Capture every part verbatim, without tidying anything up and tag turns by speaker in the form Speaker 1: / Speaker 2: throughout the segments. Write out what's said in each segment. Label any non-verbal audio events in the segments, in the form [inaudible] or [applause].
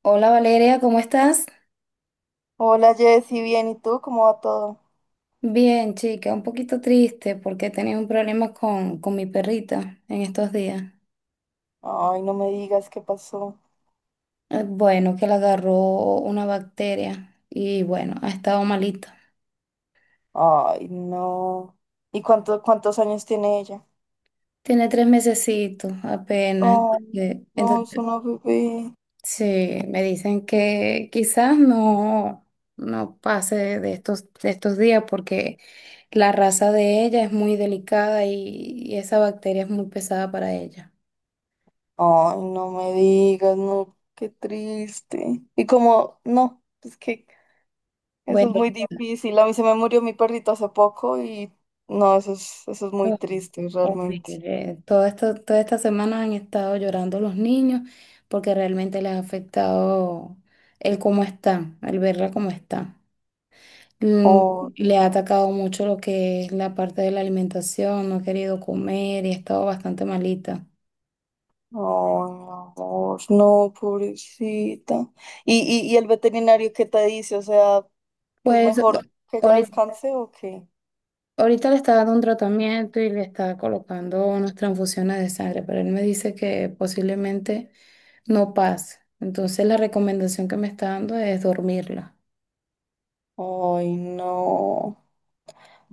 Speaker 1: Hola Valeria, ¿cómo estás?
Speaker 2: Hola Jessy, bien, ¿y tú? ¿Cómo va todo?
Speaker 1: Bien, chica, un poquito triste porque he tenido un problema con, con mi perrita en estos días.
Speaker 2: Ay, no me digas, ¿qué pasó?
Speaker 1: Eh, Bueno, que le agarró una bacteria y bueno, ha estado malita.
Speaker 2: Ay, no. ¿Y cuánto, cuántos años tiene ella?
Speaker 1: Tiene tres mesecitos apenas.
Speaker 2: Oh,
Speaker 1: eh,
Speaker 2: no, es
Speaker 1: Entonces,
Speaker 2: una bebé.
Speaker 1: sí, me dicen que quizás no, no pase de estos, de estos días porque la raza de ella es muy delicada y, y esa bacteria es muy pesada para ella.
Speaker 2: Ay, no me digas, no, qué triste. Y como, no, es que eso es
Speaker 1: Bueno.
Speaker 2: muy difícil. A mí se me murió mi perrito hace poco y no, eso es, eso es muy triste realmente.
Speaker 1: Horrible. Todo esto, toda esta semana han estado llorando los niños porque realmente les ha afectado el cómo están, el verla cómo está. Mm,
Speaker 2: Oh,
Speaker 1: Le ha atacado mucho lo que es la parte de la alimentación, no ha querido comer y ha estado bastante malita.
Speaker 2: no, mi amor, no, pobrecita. ¿Y, y, y el veterinario qué te dice? O sea, ¿que es
Speaker 1: Pues
Speaker 2: mejor que ella
Speaker 1: ahorita,
Speaker 2: descanse o qué?
Speaker 1: ahorita le está dando un tratamiento y le está colocando unas transfusiones de sangre, pero él me dice que posiblemente no pase. Entonces la recomendación que me está dando es dormirla.
Speaker 2: Ay, no.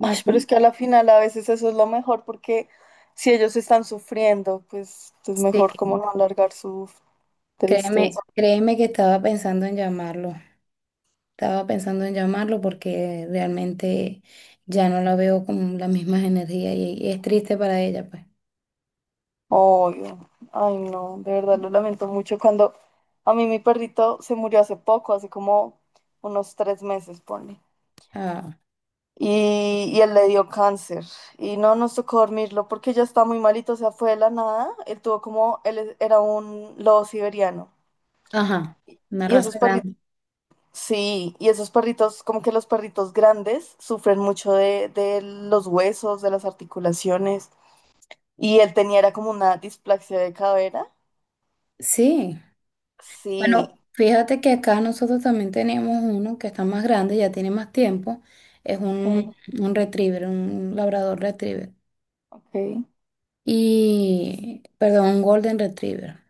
Speaker 2: Ay, pero es que a la final a veces eso es lo mejor porque si ellos están sufriendo, pues es mejor como
Speaker 1: Sí,
Speaker 2: no alargar su tristeza.
Speaker 1: créeme, créeme que estaba pensando en llamarlo. Estaba pensando en llamarlo porque realmente ya no la veo con las mismas energías y, y es triste para ella, pues.
Speaker 2: Obvio. Ay, no, de verdad lo lamento mucho. Cuando a mí mi perrito se murió hace poco, hace como unos tres meses, pone.
Speaker 1: Ah,
Speaker 2: Y, y él le dio cáncer y no nos tocó dormirlo porque ya está muy malito, o sea, fue de la nada. Él tuvo como, él es- era un lobo siberiano.
Speaker 1: ajá, una
Speaker 2: Y esos
Speaker 1: raza
Speaker 2: perritos,
Speaker 1: grande.
Speaker 2: sí, y esos perritos, como que los perritos grandes sufren mucho de, de, los huesos, de las articulaciones. Y él tenía, era como una displasia de cadera.
Speaker 1: Sí.
Speaker 2: Sí,
Speaker 1: Bueno, fíjate que acá nosotros también tenemos uno que está más grande, ya tiene más tiempo. Es
Speaker 2: sí,
Speaker 1: un, un retriever, un labrador retriever.
Speaker 2: ok,
Speaker 1: Y, perdón, un golden retriever.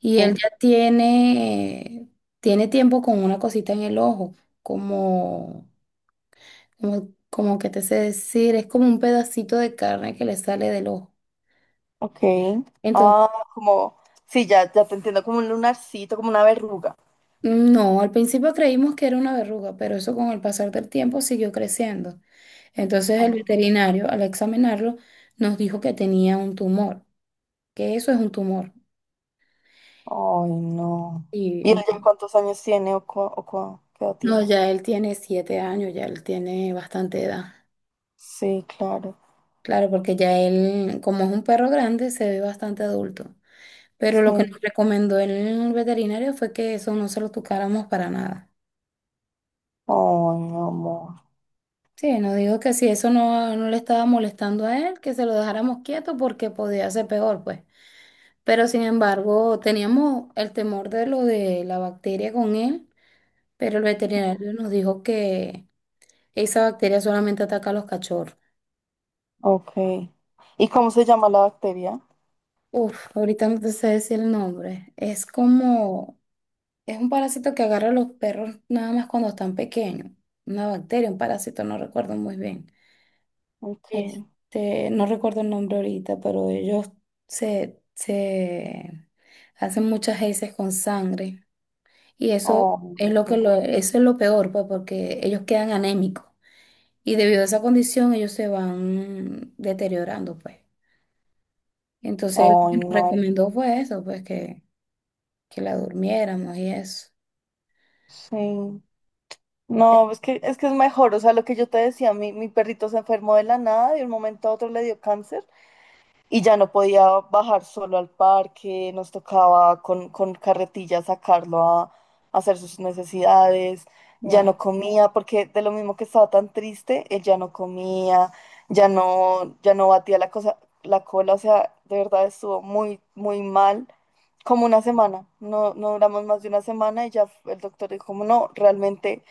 Speaker 1: Y él
Speaker 2: sí,
Speaker 1: ya tiene, tiene tiempo con una cosita en el ojo, como, como, como que te sé decir, es como un pedacito de carne que le sale del ojo.
Speaker 2: ok.
Speaker 1: Entonces,
Speaker 2: Ah, como, sí, ya, ya te entiendo, como un lunarcito, como una verruga.
Speaker 1: no, al principio creímos que era una verruga, pero eso con el pasar del tiempo siguió creciendo. Entonces el
Speaker 2: Ah,
Speaker 1: veterinario, al examinarlo, nos dijo que tenía un tumor, que eso es un tumor.
Speaker 2: ay, no.
Speaker 1: Y
Speaker 2: ¿Y él ya
Speaker 1: ent-
Speaker 2: cuántos años tiene o, cua- o cua- qué edad
Speaker 1: no,
Speaker 2: tiene?
Speaker 1: ya él tiene siete años, ya él tiene bastante edad.
Speaker 2: Sí, claro.
Speaker 1: Claro, porque ya él, como es un perro grande, se ve bastante adulto. Pero lo que nos
Speaker 2: Sí.
Speaker 1: recomendó el veterinario fue que eso no se lo tocáramos para nada.
Speaker 2: Ay, mi amor.
Speaker 1: Sí, nos dijo que si eso no, no le estaba molestando a él, que se lo dejáramos quieto porque podía ser peor, pues. Pero sin embargo, teníamos el temor de lo de la bacteria con él, pero el veterinario nos dijo que esa bacteria solamente ataca a los cachorros.
Speaker 2: Ok. ¿Y cómo se llama la bacteria?
Speaker 1: Uf, ahorita no te sé decir el nombre. Es como... Es un parásito que agarra a los perros nada más cuando están pequeños. Una bacteria, un parásito, no recuerdo muy bien.
Speaker 2: Okay.
Speaker 1: Este, no recuerdo el nombre ahorita, pero ellos se, se hacen muchas heces con sangre. Y eso
Speaker 2: Oh,
Speaker 1: es lo que
Speaker 2: pobre-
Speaker 1: lo, eso es lo peor, pues, porque ellos quedan anémicos. Y debido a esa condición, ellos se van deteriorando, pues. Entonces, lo
Speaker 2: ay,
Speaker 1: que nos
Speaker 2: no.
Speaker 1: recomendó fue eso, pues, que, que, la durmiéramos y eso.
Speaker 2: Sí. No, es que, es que es mejor. O sea, lo que yo te decía, mi, mi perrito se enfermó de la nada, de un momento a otro le dio cáncer. Y ya no podía bajar solo al parque, nos tocaba con, con carretilla sacarlo a, a hacer sus necesidades, ya
Speaker 1: Wow.
Speaker 2: no comía, porque de lo mismo que estaba tan triste, él ya no comía, ya no, ya no batía la cosa, la cola, o sea, de verdad estuvo muy, muy mal, como una semana, no, no duramos más de una semana y ya el doctor dijo, como no, realmente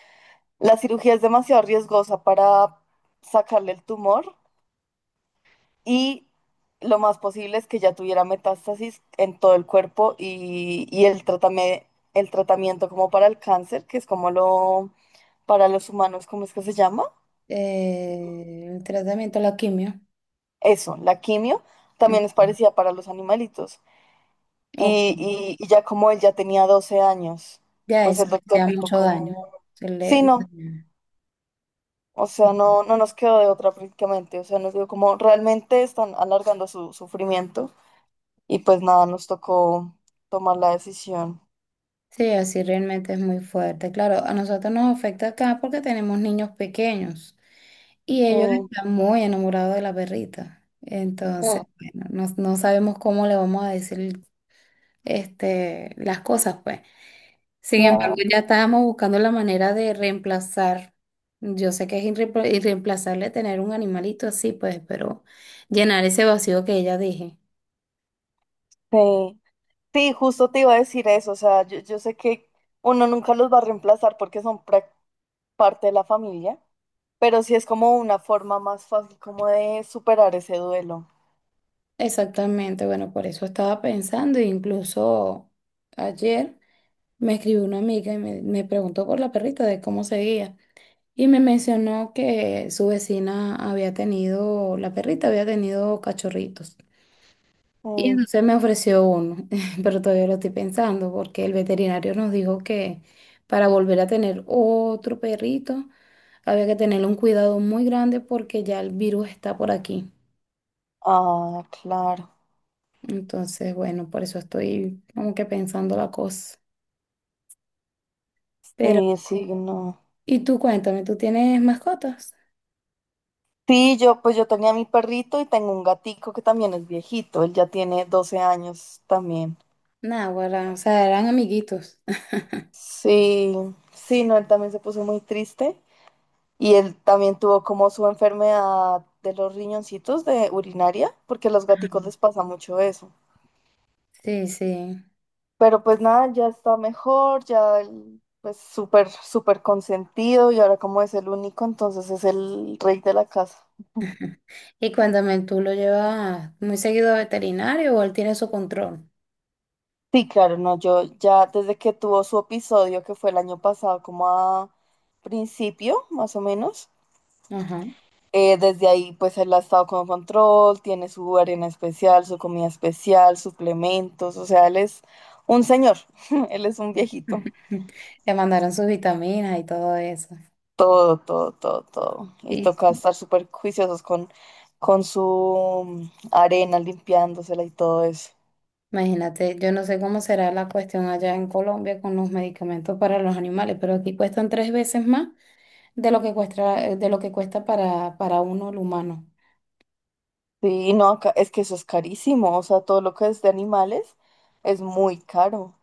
Speaker 2: la cirugía es demasiado riesgosa para sacarle el tumor y lo más posible es que ya tuviera metástasis en todo el cuerpo y, y el tratame- el tratamiento como para el cáncer, que es como lo para los humanos, ¿cómo es que se llama?
Speaker 1: Eh, el tratamiento, la quimio.
Speaker 2: Eso, la quimio, también es
Speaker 1: Ujú.
Speaker 2: parecida para los animalitos.
Speaker 1: Ok,
Speaker 2: Y, y- y ya como él ya tenía doce años,
Speaker 1: ya
Speaker 2: pues
Speaker 1: eso
Speaker 2: el
Speaker 1: le
Speaker 2: doctor
Speaker 1: da
Speaker 2: dijo
Speaker 1: mucho daño.
Speaker 2: como,
Speaker 1: Se le-
Speaker 2: sí, no,
Speaker 1: le-
Speaker 2: o sea, no, no nos quedó de otra prácticamente, o sea, nos dijo como, realmente están alargando su sufrimiento y pues nada, nos tocó tomar la decisión.
Speaker 1: Sí, así realmente es muy fuerte. Claro, a nosotros nos afecta acá porque tenemos niños pequeños y ellos
Speaker 2: Mm,
Speaker 1: están muy enamorados de la perrita. Entonces,
Speaker 2: mm.
Speaker 1: bueno, no, no sabemos cómo le vamos a decir este, las cosas, pues. Sin embargo,
Speaker 2: No,
Speaker 1: ya estábamos buscando la manera de reemplazar. Yo sé que es irre- irreemplazable tener un animalito así, pues, pero llenar ese vacío que ella dije.
Speaker 2: sí. Sí, justo te iba a decir eso. O sea, yo, yo sé que uno nunca los va a reemplazar porque son prac- parte de la familia, pero sí es como una forma más fácil como de superar ese duelo.
Speaker 1: Exactamente, bueno, por eso estaba pensando, e incluso ayer me escribió una amiga y me, me preguntó por la perrita de cómo seguía y me mencionó que su vecina había tenido, la perrita había tenido cachorritos. Y
Speaker 2: Mm.
Speaker 1: entonces me ofreció uno, [laughs] pero todavía lo estoy pensando porque el veterinario nos dijo que para volver a tener otro perrito había que tener un cuidado muy grande porque ya el virus está por aquí.
Speaker 2: Ah, claro.
Speaker 1: Entonces, bueno, por eso estoy como que pensando la cosa. Pero,
Speaker 2: Sí, sí, no.
Speaker 1: y tú cuéntame, ¿tú tienes mascotas?
Speaker 2: Sí, yo pues yo tenía mi perrito y tengo un gatico que también es viejito. Él ya tiene doce años también.
Speaker 1: Náguara, o sea, eran amiguitos. [laughs]
Speaker 2: Sí, sí, no, él también se puso muy triste. Y él también tuvo como su enfermedad de los riñoncitos de urinaria, porque a los gaticos
Speaker 1: Ujú.
Speaker 2: les pasa mucho eso.
Speaker 1: Sí, sí.
Speaker 2: Pero pues nada, ya está mejor, ya él, pues súper, súper consentido y ahora como es el único, entonces es el rey de la casa.
Speaker 1: [laughs] Y cuéntame, ¿tú lo llevas muy seguido a veterinario o él tiene su control?
Speaker 2: Sí, claro, no, yo ya desde que tuvo su episodio, que fue el año pasado, como a principio, más o menos.
Speaker 1: Ajá.
Speaker 2: Eh, desde ahí, pues él ha estado con control, tiene su arena especial, su comida especial, suplementos, o sea, él es un señor, [laughs] él es un viejito.
Speaker 1: [laughs] Le mandaron sus vitaminas y todo eso.
Speaker 2: Todo, todo, todo, todo. Y
Speaker 1: Y
Speaker 2: toca estar súper juiciosos con, con su mm, arena, limpiándosela y todo eso.
Speaker 1: Imagínate, yo no sé cómo será la cuestión allá en Colombia con los medicamentos para los animales, pero aquí cuestan tres veces más de lo que cuesta, de lo que cuesta para, para uno el humano.
Speaker 2: Sí, no, acá- es que eso es carísimo, o sea, todo lo que es de animales es muy caro.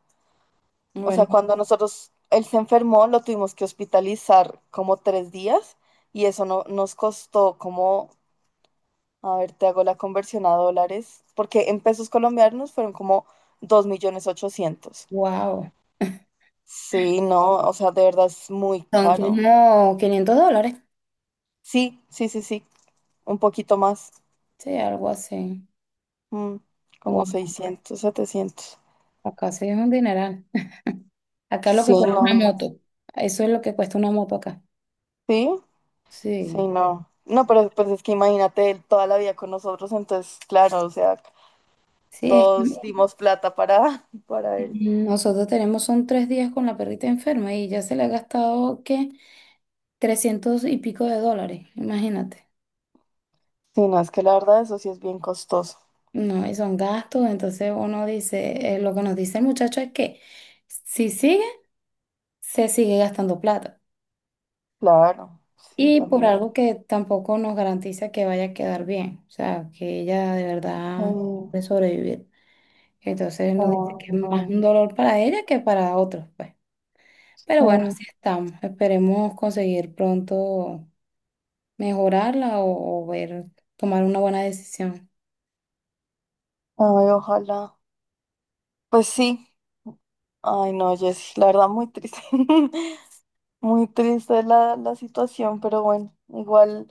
Speaker 2: O
Speaker 1: Bueno,
Speaker 2: sea, cuando nosotros, él se enfermó, lo tuvimos que hospitalizar como tres días y eso no, nos costó como. A ver, te hago la conversión a dólares, porque en pesos colombianos fueron como dos millones ochocientos.
Speaker 1: wow.
Speaker 2: Sí, no, o sea, de verdad es muy
Speaker 1: Son
Speaker 2: caro.
Speaker 1: como quinientos dólares.
Speaker 2: Sí, sí, sí, sí, un poquito más,
Speaker 1: Sí, algo así.
Speaker 2: mm, como
Speaker 1: Wow,
Speaker 2: seiscientos setecientos.
Speaker 1: acá sí es un dineral. [laughs] Acá lo
Speaker 2: Sí,
Speaker 1: que cuesta
Speaker 2: no,
Speaker 1: una moto. Eso es lo que cuesta una moto acá.
Speaker 2: sí, sí,
Speaker 1: Sí.
Speaker 2: no. No, pero pues es que imagínate, él toda la vida con nosotros, entonces, claro, o sea,
Speaker 1: Sí, es. que
Speaker 2: todos dimos plata para, [laughs] para él.
Speaker 1: Mm, Nosotros tenemos son tres días con la perrita enferma y ya se le ha gastado, ¿qué? Trescientos y pico de dólares, imagínate.
Speaker 2: Sí, no, es que la verdad eso sí es bien costoso.
Speaker 1: No, y son gastos, entonces uno dice, eh, lo que nos dice el muchacho es que si sigue, se sigue gastando plata.
Speaker 2: Claro, sí,
Speaker 1: Y por
Speaker 2: también.
Speaker 1: algo que tampoco nos garantiza que vaya a quedar bien, o sea, que ella de verdad
Speaker 2: Mm.
Speaker 1: puede sobrevivir. Entonces nos dice
Speaker 2: Oh,
Speaker 1: que es más
Speaker 2: no.
Speaker 1: un dolor para ella que para otros, pues. Pero bueno,
Speaker 2: Mm.
Speaker 1: así estamos. Esperemos conseguir pronto, mejorarla o, o ver, tomar una buena decisión.
Speaker 2: Ay, ojalá. Pues sí. Ay, no, Jessy, la verdad, muy triste. [laughs] Muy triste la, la situación, pero bueno, igual,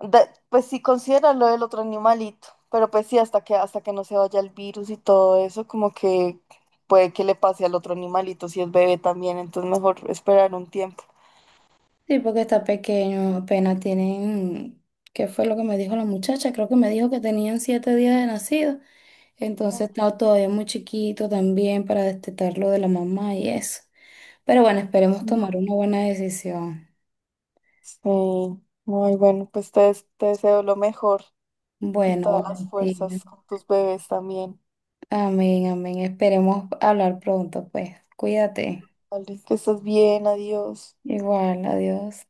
Speaker 2: de- pues sí, considera lo del otro animalito, pero pues sí, hasta que, hasta que no se vaya el virus y todo eso, como que puede que le pase al otro animalito si es bebé también, entonces mejor esperar un tiempo.
Speaker 1: Sí, porque está pequeño, apenas tienen, ¿qué fue lo que me dijo la muchacha? Creo que me dijo que tenían siete días de nacido,
Speaker 2: Ay,
Speaker 1: entonces está todavía muy chiquito también para destetarlo de la mamá y eso. Pero bueno, esperemos tomar
Speaker 2: no.
Speaker 1: una buena decisión.
Speaker 2: Sí, muy bueno, pues te, des- te deseo lo mejor y
Speaker 1: Bueno,
Speaker 2: todas las
Speaker 1: Valentina.
Speaker 2: fuerzas con tus bebés también.
Speaker 1: Amén, amén. Esperemos hablar pronto, pues. Cuídate.
Speaker 2: Vale, que estás bien, adiós.
Speaker 1: Igual, adiós.